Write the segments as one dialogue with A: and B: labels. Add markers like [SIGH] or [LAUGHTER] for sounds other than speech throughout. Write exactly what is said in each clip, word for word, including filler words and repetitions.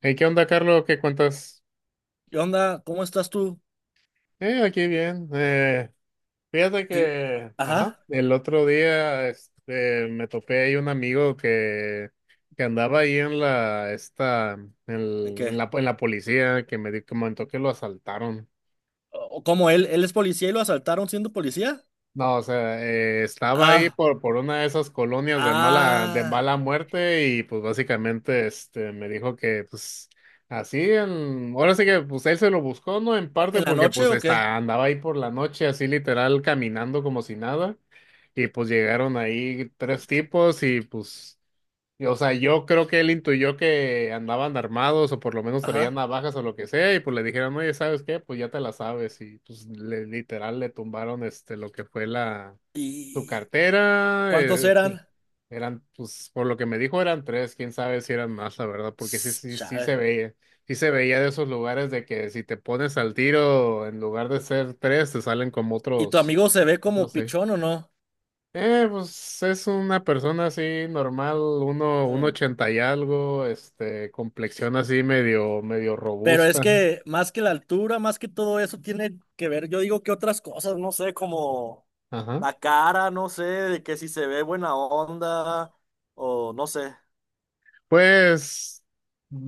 A: Hey, ¿qué onda, Carlos? ¿Qué cuentas?
B: ¿Qué onda? ¿Cómo estás tú?
A: Eh, aquí bien. Eh, fíjate
B: Fi-
A: que, ajá,
B: Ajá,
A: el otro día este, me topé ahí un amigo que, que andaba ahí en la, esta, en,
B: ¿en
A: el- en
B: qué?
A: la, en la policía, que me di- comentó que lo asaltaron.
B: O- ¿Cómo él, él es policía y lo asaltaron siendo policía?
A: No, o sea, eh, estaba ahí
B: Ah,
A: por, por una de esas colonias de mala, de
B: ah,
A: mala muerte y pues básicamente este, me dijo que pues así, en- ahora sí que pues él se lo buscó, ¿no? En parte
B: ¿en la
A: porque
B: noche
A: pues
B: o qué?
A: está, andaba ahí por la noche así literal caminando como si nada y pues llegaron ahí tres tipos y pues, y, o sea, yo creo que él intuyó que andaban armados o por lo menos traían
B: Ajá.
A: navajas o lo que sea y pues le dijeron, oye, ¿sabes qué? Pues ya te la sabes y pues le, literal le tumbaron este, lo que fue la su
B: ¿Y
A: cartera.
B: cuántos
A: Eh,
B: eran?
A: eran, pues, por lo que me dijo eran tres, quién sabe si eran más, la verdad, porque sí,
B: S-
A: sí, sí se
B: Chale.
A: veía, sí se veía de esos lugares de que si te pones al tiro, en lugar de ser tres, te salen como
B: ¿Y tu
A: otros,
B: amigo se ve como
A: otros seis.
B: pichón o no?
A: Eh, pues es una persona así normal, uno, un
B: Mm.
A: ochenta y algo, este, complexión así medio, medio
B: Pero es
A: robusta.
B: que más que la altura, más que todo eso tiene que ver, yo digo que otras cosas, no sé, como
A: Ajá.
B: la cara, no sé, de que si se ve buena onda o no sé,
A: Pues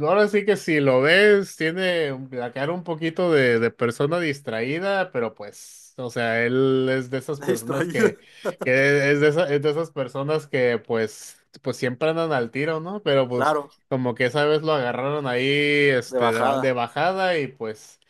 A: ahora sí que si lo ves, tiene la cara un poquito de, de persona distraída, pero pues, o sea, él es de esas
B: [LAUGHS]
A: personas
B: distraído,
A: que, que es de esa- es de esas personas que pues, pues siempre andan al tiro, ¿no? Pero pues
B: claro,
A: como que esa vez lo agarraron ahí,
B: de
A: este, de, ba- de
B: bajada.
A: bajada y pues,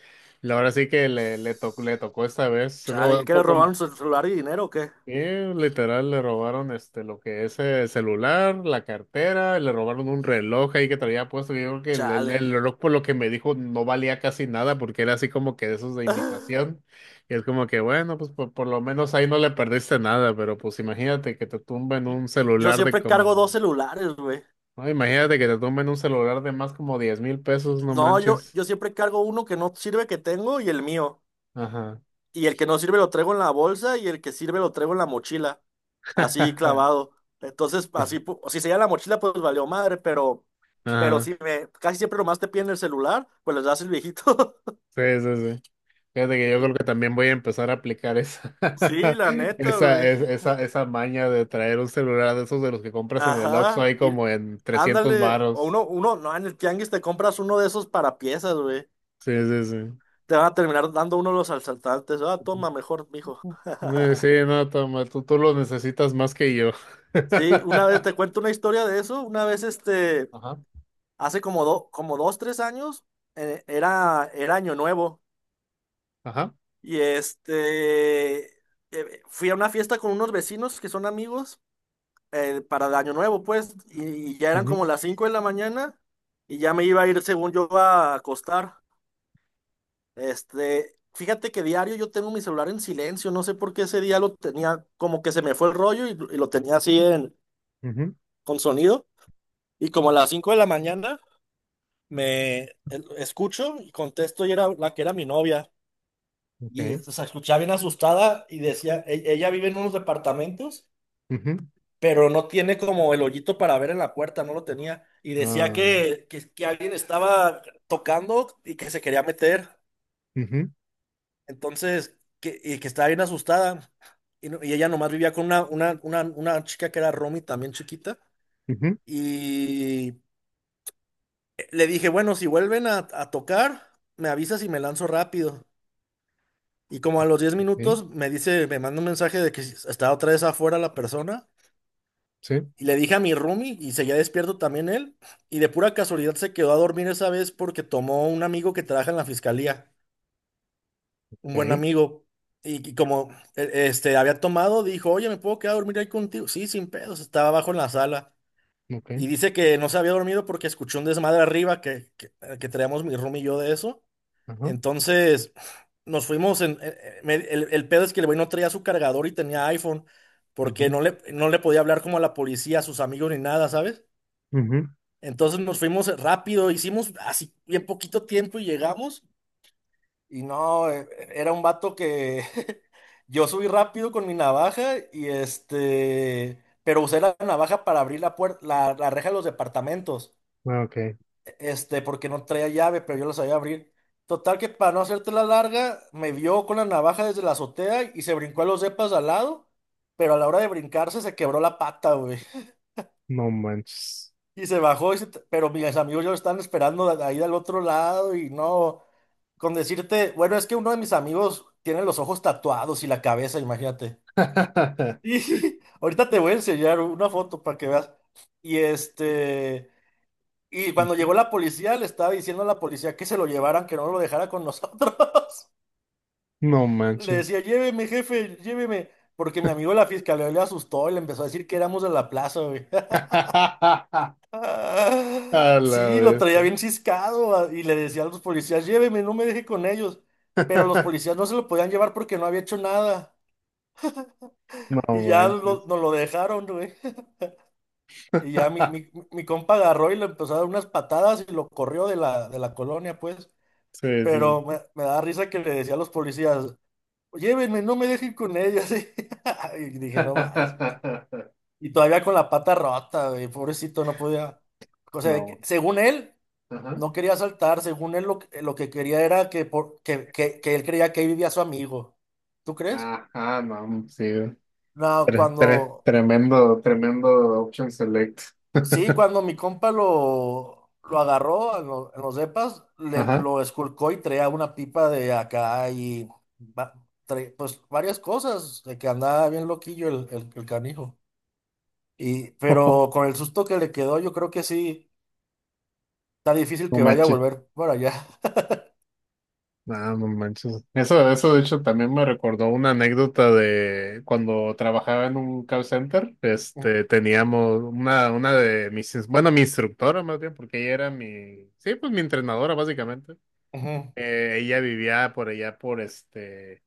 A: la- ahora sí que le, le tocó, le tocó esta vez,
B: Chale, ¿qué
A: como,
B: quieres robar
A: como-
B: un celular y dinero o qué?
A: eh, literal, le robaron este lo que es el celular, la cartera, le robaron un reloj ahí que traía puesto. Yo creo que el, el-
B: Chale.
A: el reloj, por lo que me dijo, no valía casi nada porque era así como que de esos de
B: [LAUGHS]
A: imitación. Y es como que, bueno, pues por, por lo menos ahí no le perdiste nada, pero pues imagínate que te tumben un
B: Yo
A: celular de
B: siempre cargo dos
A: como,
B: celulares, güey.
A: no, imagínate que te tumben un celular de más como diez mil pesos, no
B: No, yo,
A: manches.
B: yo siempre cargo uno que no sirve que tengo y el mío.
A: Ajá.
B: Y el que no sirve lo traigo en la bolsa y el que sirve lo traigo en la mochila. Así
A: [LAUGHS]
B: clavado. Entonces, así, pu- si se lleva la mochila, pues valió madre, pero, pero
A: Ajá.
B: si me, casi siempre nomás te piden el celular, pues les das el viejito. [LAUGHS]
A: Sí, sí, sí. Fíjate que yo creo que también voy a empezar a aplicar esa,
B: Sí,
A: [LAUGHS]
B: la neta,
A: esa,
B: güey.
A: es- esa, esa maña de traer un celular de esos de los que compras en el Oxxo
B: Ajá,
A: ahí
B: y
A: como en trescientos
B: ándale, o
A: varos.
B: uno, uno, no, en el tianguis te compras uno de esos para piezas, güey.
A: Sí, sí, sí.
B: Te van a terminar dando uno de los asaltantes. Ah, toma, mejor, mijo.
A: Eh, Sí,
B: [LAUGHS]
A: no, toma, tú, tú lo necesitas más que yo.
B: Sí, una vez te
A: [LAUGHS]
B: cuento una historia de eso. Una vez, este,
A: Ajá,
B: hace como, do- como dos, tres años, eh, era, era Año Nuevo.
A: ajá.
B: Y este, eh, fui a una fiesta con unos vecinos que son amigos eh, para el Año Nuevo, pues. Y, y ya eran
A: Ujú,
B: como las cinco de la mañana. Y ya me iba a ir, según yo, a acostar. Este, fíjate que diario yo tengo mi celular en silencio, no sé por qué ese día lo tenía, como que se me fue el rollo y, y lo tenía así en,
A: ujú.
B: con sonido. Y como a las cinco de la mañana me el- escucho y contesto y era la que era mi novia. Y o
A: Ok.
B: sea, escuchaba bien asustada y decía, "E- ella vive en unos departamentos,
A: Ujú.
B: pero no tiene como el hoyito para ver en la puerta, no lo tenía. Y decía
A: Ah.
B: que, que, que alguien estaba tocando y que se quería meter.
A: Ujú,
B: Entonces, que, y que estaba bien asustada. Y, no- y ella nomás vivía con una, una, una, una chica que era Romy, también chiquita.
A: ujú.
B: Y le dije, bueno, si vuelven a, a tocar, me avisas y me lanzo rápido. Y como a los diez
A: Ok,
B: minutos me dice, me manda un mensaje de que estaba otra vez afuera la persona.
A: sí.
B: Y le dije a mi Romy y seguía despierto también él. Y de pura casualidad se quedó a dormir esa vez porque tomó un amigo que trabaja en la fiscalía. Un buen
A: Ok.
B: amigo. Y, y como e- este había tomado, dijo, oye, ¿me puedo quedar a dormir ahí contigo? Sí, sin pedos, estaba abajo en la sala.
A: Ok.
B: Y dice que no se había dormido porque escuchó un desmadre arriba que, que, eh, que traíamos mi room y yo de eso.
A: Ajá.
B: Entonces nos fuimos. En... en- en- me- el, el pedo es que el güey no traía su cargador y tenía iPhone, porque
A: Ujú,
B: no le, no le podía hablar como a la policía, a sus amigos ni nada, ¿sabes?
A: ujú.
B: Entonces nos fuimos rápido, hicimos así bien poquito tiempo y llegamos. Y no, e- era un vato que [LAUGHS] yo subí rápido con mi navaja y este, pero usé la navaja para abrir la puerta, la, la reja de los departamentos,
A: Ah, ok.
B: e, este, porque no traía llave, pero yo la sabía abrir. Total que para no hacerte la larga, me vio con la navaja desde la azotea y se brincó a los depas de al lado, pero a la hora de brincarse se quebró la pata, güey.
A: No manches.
B: Y se bajó, y se t- pero mis amigos ya lo estaban esperando de- ahí del otro lado y no, con decirte, bueno, es que uno de mis amigos tiene los ojos tatuados y la cabeza, imagínate.
A: [LAUGHS]
B: Y [LAUGHS] ahorita te voy a enseñar una foto para que veas. Y este, y cuando llegó la policía, le estaba diciendo a la policía que se lo llevaran, que no lo dejara con nosotros. [LAUGHS]
A: No
B: Le
A: manches.
B: decía, lléveme, jefe, lléveme, porque mi amigo de la fiscalía le asustó y le empezó a decir que éramos de la plaza.
A: [LAUGHS] A
B: Ah,
A: la
B: sí, lo traía
A: bestia.
B: bien ciscado ah, y le decía a los policías, lléveme, no me deje con ellos. Pero los
A: [LAUGHS]
B: policías no se lo podían llevar porque no había hecho nada.
A: No
B: Y ya
A: manches.
B: lo- nos lo dejaron, güey. Y ya mi,
A: [LAUGHS]
B: mi, mi compa agarró y le empezó a dar unas patadas y lo corrió de la, de la colonia, pues.
A: Sí, sí, sí.
B: Pero me, me da risa que le decía a los policías, llévenme, no me dejen con ellos. [LAUGHS] Y dije, no más.
A: [LAUGHS]
B: Y todavía con la pata rota, güey, pobrecito, no podía. O sea, que
A: No.
B: según él.
A: Ajá.
B: No quería saltar, según él lo, que lo que quería era que, por, que, que, que él creía que ahí vivía su amigo. ¿Tú crees?
A: Ajá, no, sí.
B: No,
A: Tre- tre-
B: cuando,
A: tremendo, tremendo option select.
B: sí, cuando mi compa lo, lo agarró en, lo- en los depas, le,
A: Ajá.
B: lo esculcó y traía una pipa de acá y va- trae- pues varias cosas, de que andaba bien loquillo el, el, el canijo. Y, pero
A: [LAUGHS]
B: con el susto que le quedó, yo creo que sí, está difícil
A: No
B: que vaya a
A: manches.
B: volver para allá.
A: No, no manches. Eso, eso de hecho también me recordó una anécdota de cuando trabajaba en un call center, este,
B: [LAUGHS]
A: teníamos una, una de mis, ins- bueno, mi instructora más bien, porque ella era mi, sí, pues mi entrenadora básicamente.
B: Ujú.
A: Eh, ella vivía por allá por este,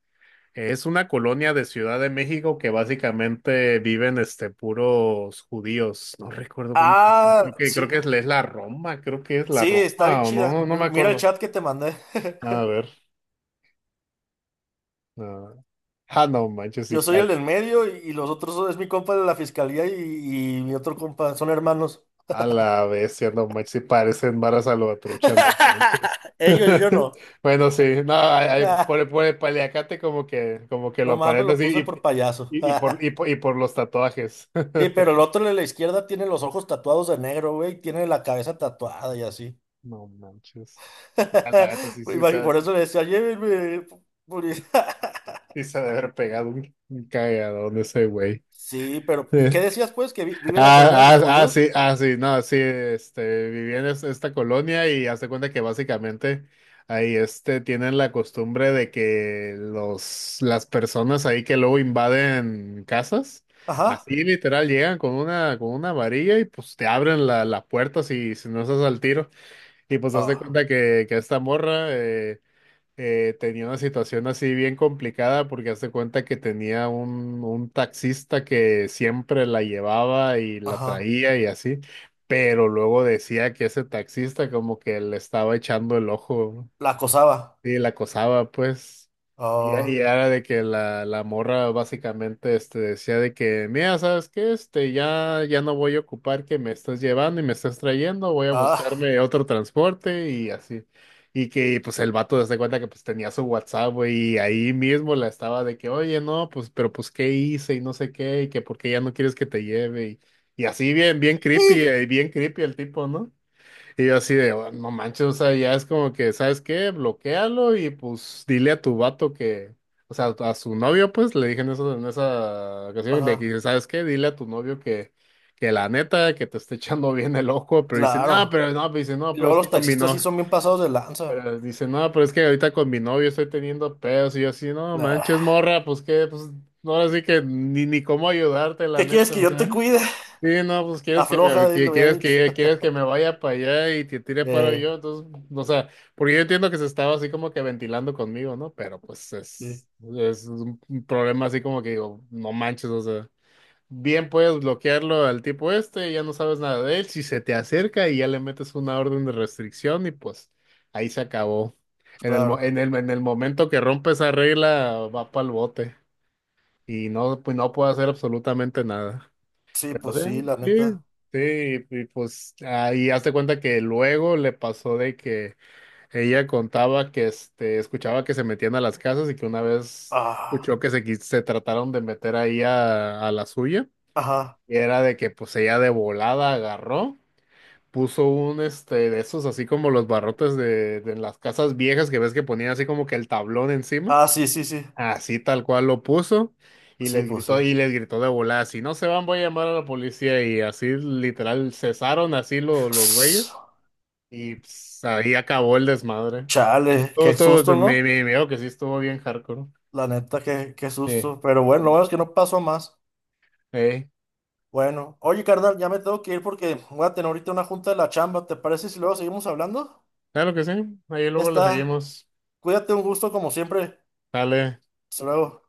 A: es una colonia de Ciudad de México que básicamente viven este puros judíos. No recuerdo cómo,
B: Ah,
A: creo que, creo
B: sí.
A: que es, es la Roma, creo que es la
B: Sí,
A: Roma
B: está bien
A: o
B: chida.
A: no, no me
B: Mi- Mira el
A: acuerdo.
B: chat que te mandé. [LAUGHS]
A: A ver. Ah, no manches, si
B: Yo soy el
A: parece.
B: del medio y, y los otros son- es mi compa de la fiscalía y, y mi otro compa, son hermanos.
A: A la bestia, no manches, si parecen varas a lo trucha, no manches.
B: [LAUGHS] Ellos, yo
A: [LAUGHS]
B: no. [LAUGHS]
A: Bueno, sí, no, hay, hay-
B: Ah,
A: por, por el paliacate como que, como que lo
B: nomás me
A: aparenta
B: lo puse
A: así,
B: por payaso.
A: y, y, y por, y,
B: [LAUGHS]
A: por, y por los tatuajes. [LAUGHS]
B: Sí, pero el otro de la izquierda tiene los ojos tatuados de negro, güey, y tiene la cabeza tatuada y así.
A: No manches. A la neta, sí,
B: [LAUGHS]
A: sí, se
B: Imagi-
A: ha-
B: Por
A: sí,
B: eso le decía, llévenme. poli-". [LAUGHS]
A: se ha de haber pegado un, un cagadón ese güey.
B: Sí, pero ¿y qué
A: [LAUGHS]
B: decías pues? ¿Que vi- vive en la colonia de
A: Ah,
B: los
A: ah, ah,
B: judíos?
A: sí, ah, sí, no, sí, este, viví en es- esta colonia y hazte cuenta que básicamente ahí, este, tienen la costumbre de que los, las personas ahí que luego invaden casas,
B: Ajá.
A: así literal llegan con una, con una varilla y pues te abren la, la puerta si, si no estás al tiro. Y pues hazte
B: Ah,
A: cuenta que, que esta morra, eh, eh, tenía una situación así bien complicada porque hace cuenta que tenía un, un taxista que siempre la llevaba y la
B: ajá.
A: traía y así, pero luego decía que ese taxista como que le estaba echando el ojo.
B: La acosaba.
A: Y la acosaba, pues. Y, y
B: Ah.
A: era de que la, la morra básicamente este, decía de que, mira, ¿sabes qué? Este, ya, ya no voy a ocupar que me estás llevando y me estás trayendo, voy a
B: Ah,
A: buscarme otro transporte y así. Y que pues el vato se da cuenta que pues tenía su WhatsApp, güey, y ahí mismo la estaba de que, oye, no, pues, pero pues, ¿qué hice? Y no sé qué, y que por qué ya no quieres que te lleve. Y, y así bien, bien creepy,
B: sí.
A: eh, bien creepy el tipo, ¿no? Y yo así de, "Oh, no manches, o sea, ya es como que, ¿sabes qué? Bloquéalo y pues dile a tu vato que, o sea, a su novio, pues le dije en eso, en esa ocasión, le
B: Ajá,
A: dije, ¿sabes qué? Dile a tu novio que, que la neta, que te está echando bien el ojo, pero dice, no,
B: claro.
A: pero no, pero dice, no,
B: Y
A: pero
B: luego
A: es que
B: los
A: con mi
B: taxistas sí
A: no,
B: son bien pasados de lanza.
A: pero dice, no, pero es que ahorita con mi novio estoy teniendo pedos y yo así, no manches,
B: Ah,
A: morra, pues qué, pues, no, ahora sí que ni, ni cómo ayudarte, la
B: ¿qué quieres
A: neta,
B: que
A: o
B: yo
A: sea.
B: te cuide?
A: Sí, no, pues quieres que me,
B: Afloja, eh,
A: que-
B: lo había
A: quieres
B: dicho.
A: que, quieres
B: [LAUGHS]
A: que me vaya para allá y te tire paro
B: Eh,
A: yo, entonces, o sea, porque yo entiendo que se estaba así como que ventilando conmigo, ¿no? Pero pues
B: sí,
A: es, es un problema así como que digo, no manches, o sea, bien puedes bloquearlo al tipo este, ya no sabes nada de él, si se te acerca y ya le metes una orden de restricción y pues ahí se acabó. En el, mo-
B: claro.
A: en el, en el momento que rompe esa regla, va para el bote y no, pues no puede hacer absolutamente nada.
B: Sí,
A: Pero
B: pues sí,
A: sí,
B: la
A: sí,
B: neta.
A: sí, y, y pues ahí hazte cuenta que luego le pasó de que ella contaba que este, escuchaba que se metían a las casas y que una vez
B: Ah,
A: escuchó que se, quis- se trataron de meter ahí a, a la suya.
B: ajá.
A: Y era de que pues ella de volada agarró, puso un este de esos así como los barrotes de, de las casas viejas que ves que ponían así como que el tablón encima.
B: Ah, sí, sí, sí.
A: Así tal cual lo puso y
B: Sí,
A: les
B: pues sí.
A: gritó y les gritó de volada, si no se van voy a llamar a la policía y así literal cesaron así lo-
B: [SNIFFS]
A: los
B: Ss,
A: güeyes y pues, ahí acabó el desmadre.
B: Chale,
A: Todo,
B: qué
A: todo,
B: susto,
A: me,
B: ¿no?
A: me, veo que sí estuvo bien hardcore.
B: La neta, qué, qué
A: Eh,
B: susto. Pero bueno, lo
A: eh,
B: bueno es que no pasó a más.
A: eh,
B: Bueno, oye, carnal, ya me tengo que ir porque voy a tener ahorita una junta de la chamba. ¿Te parece si luego seguimos hablando?
A: claro que sí, ahí
B: Ya
A: luego le
B: está.
A: seguimos.
B: Cuídate, un gusto como siempre.
A: Dale.
B: Hasta luego.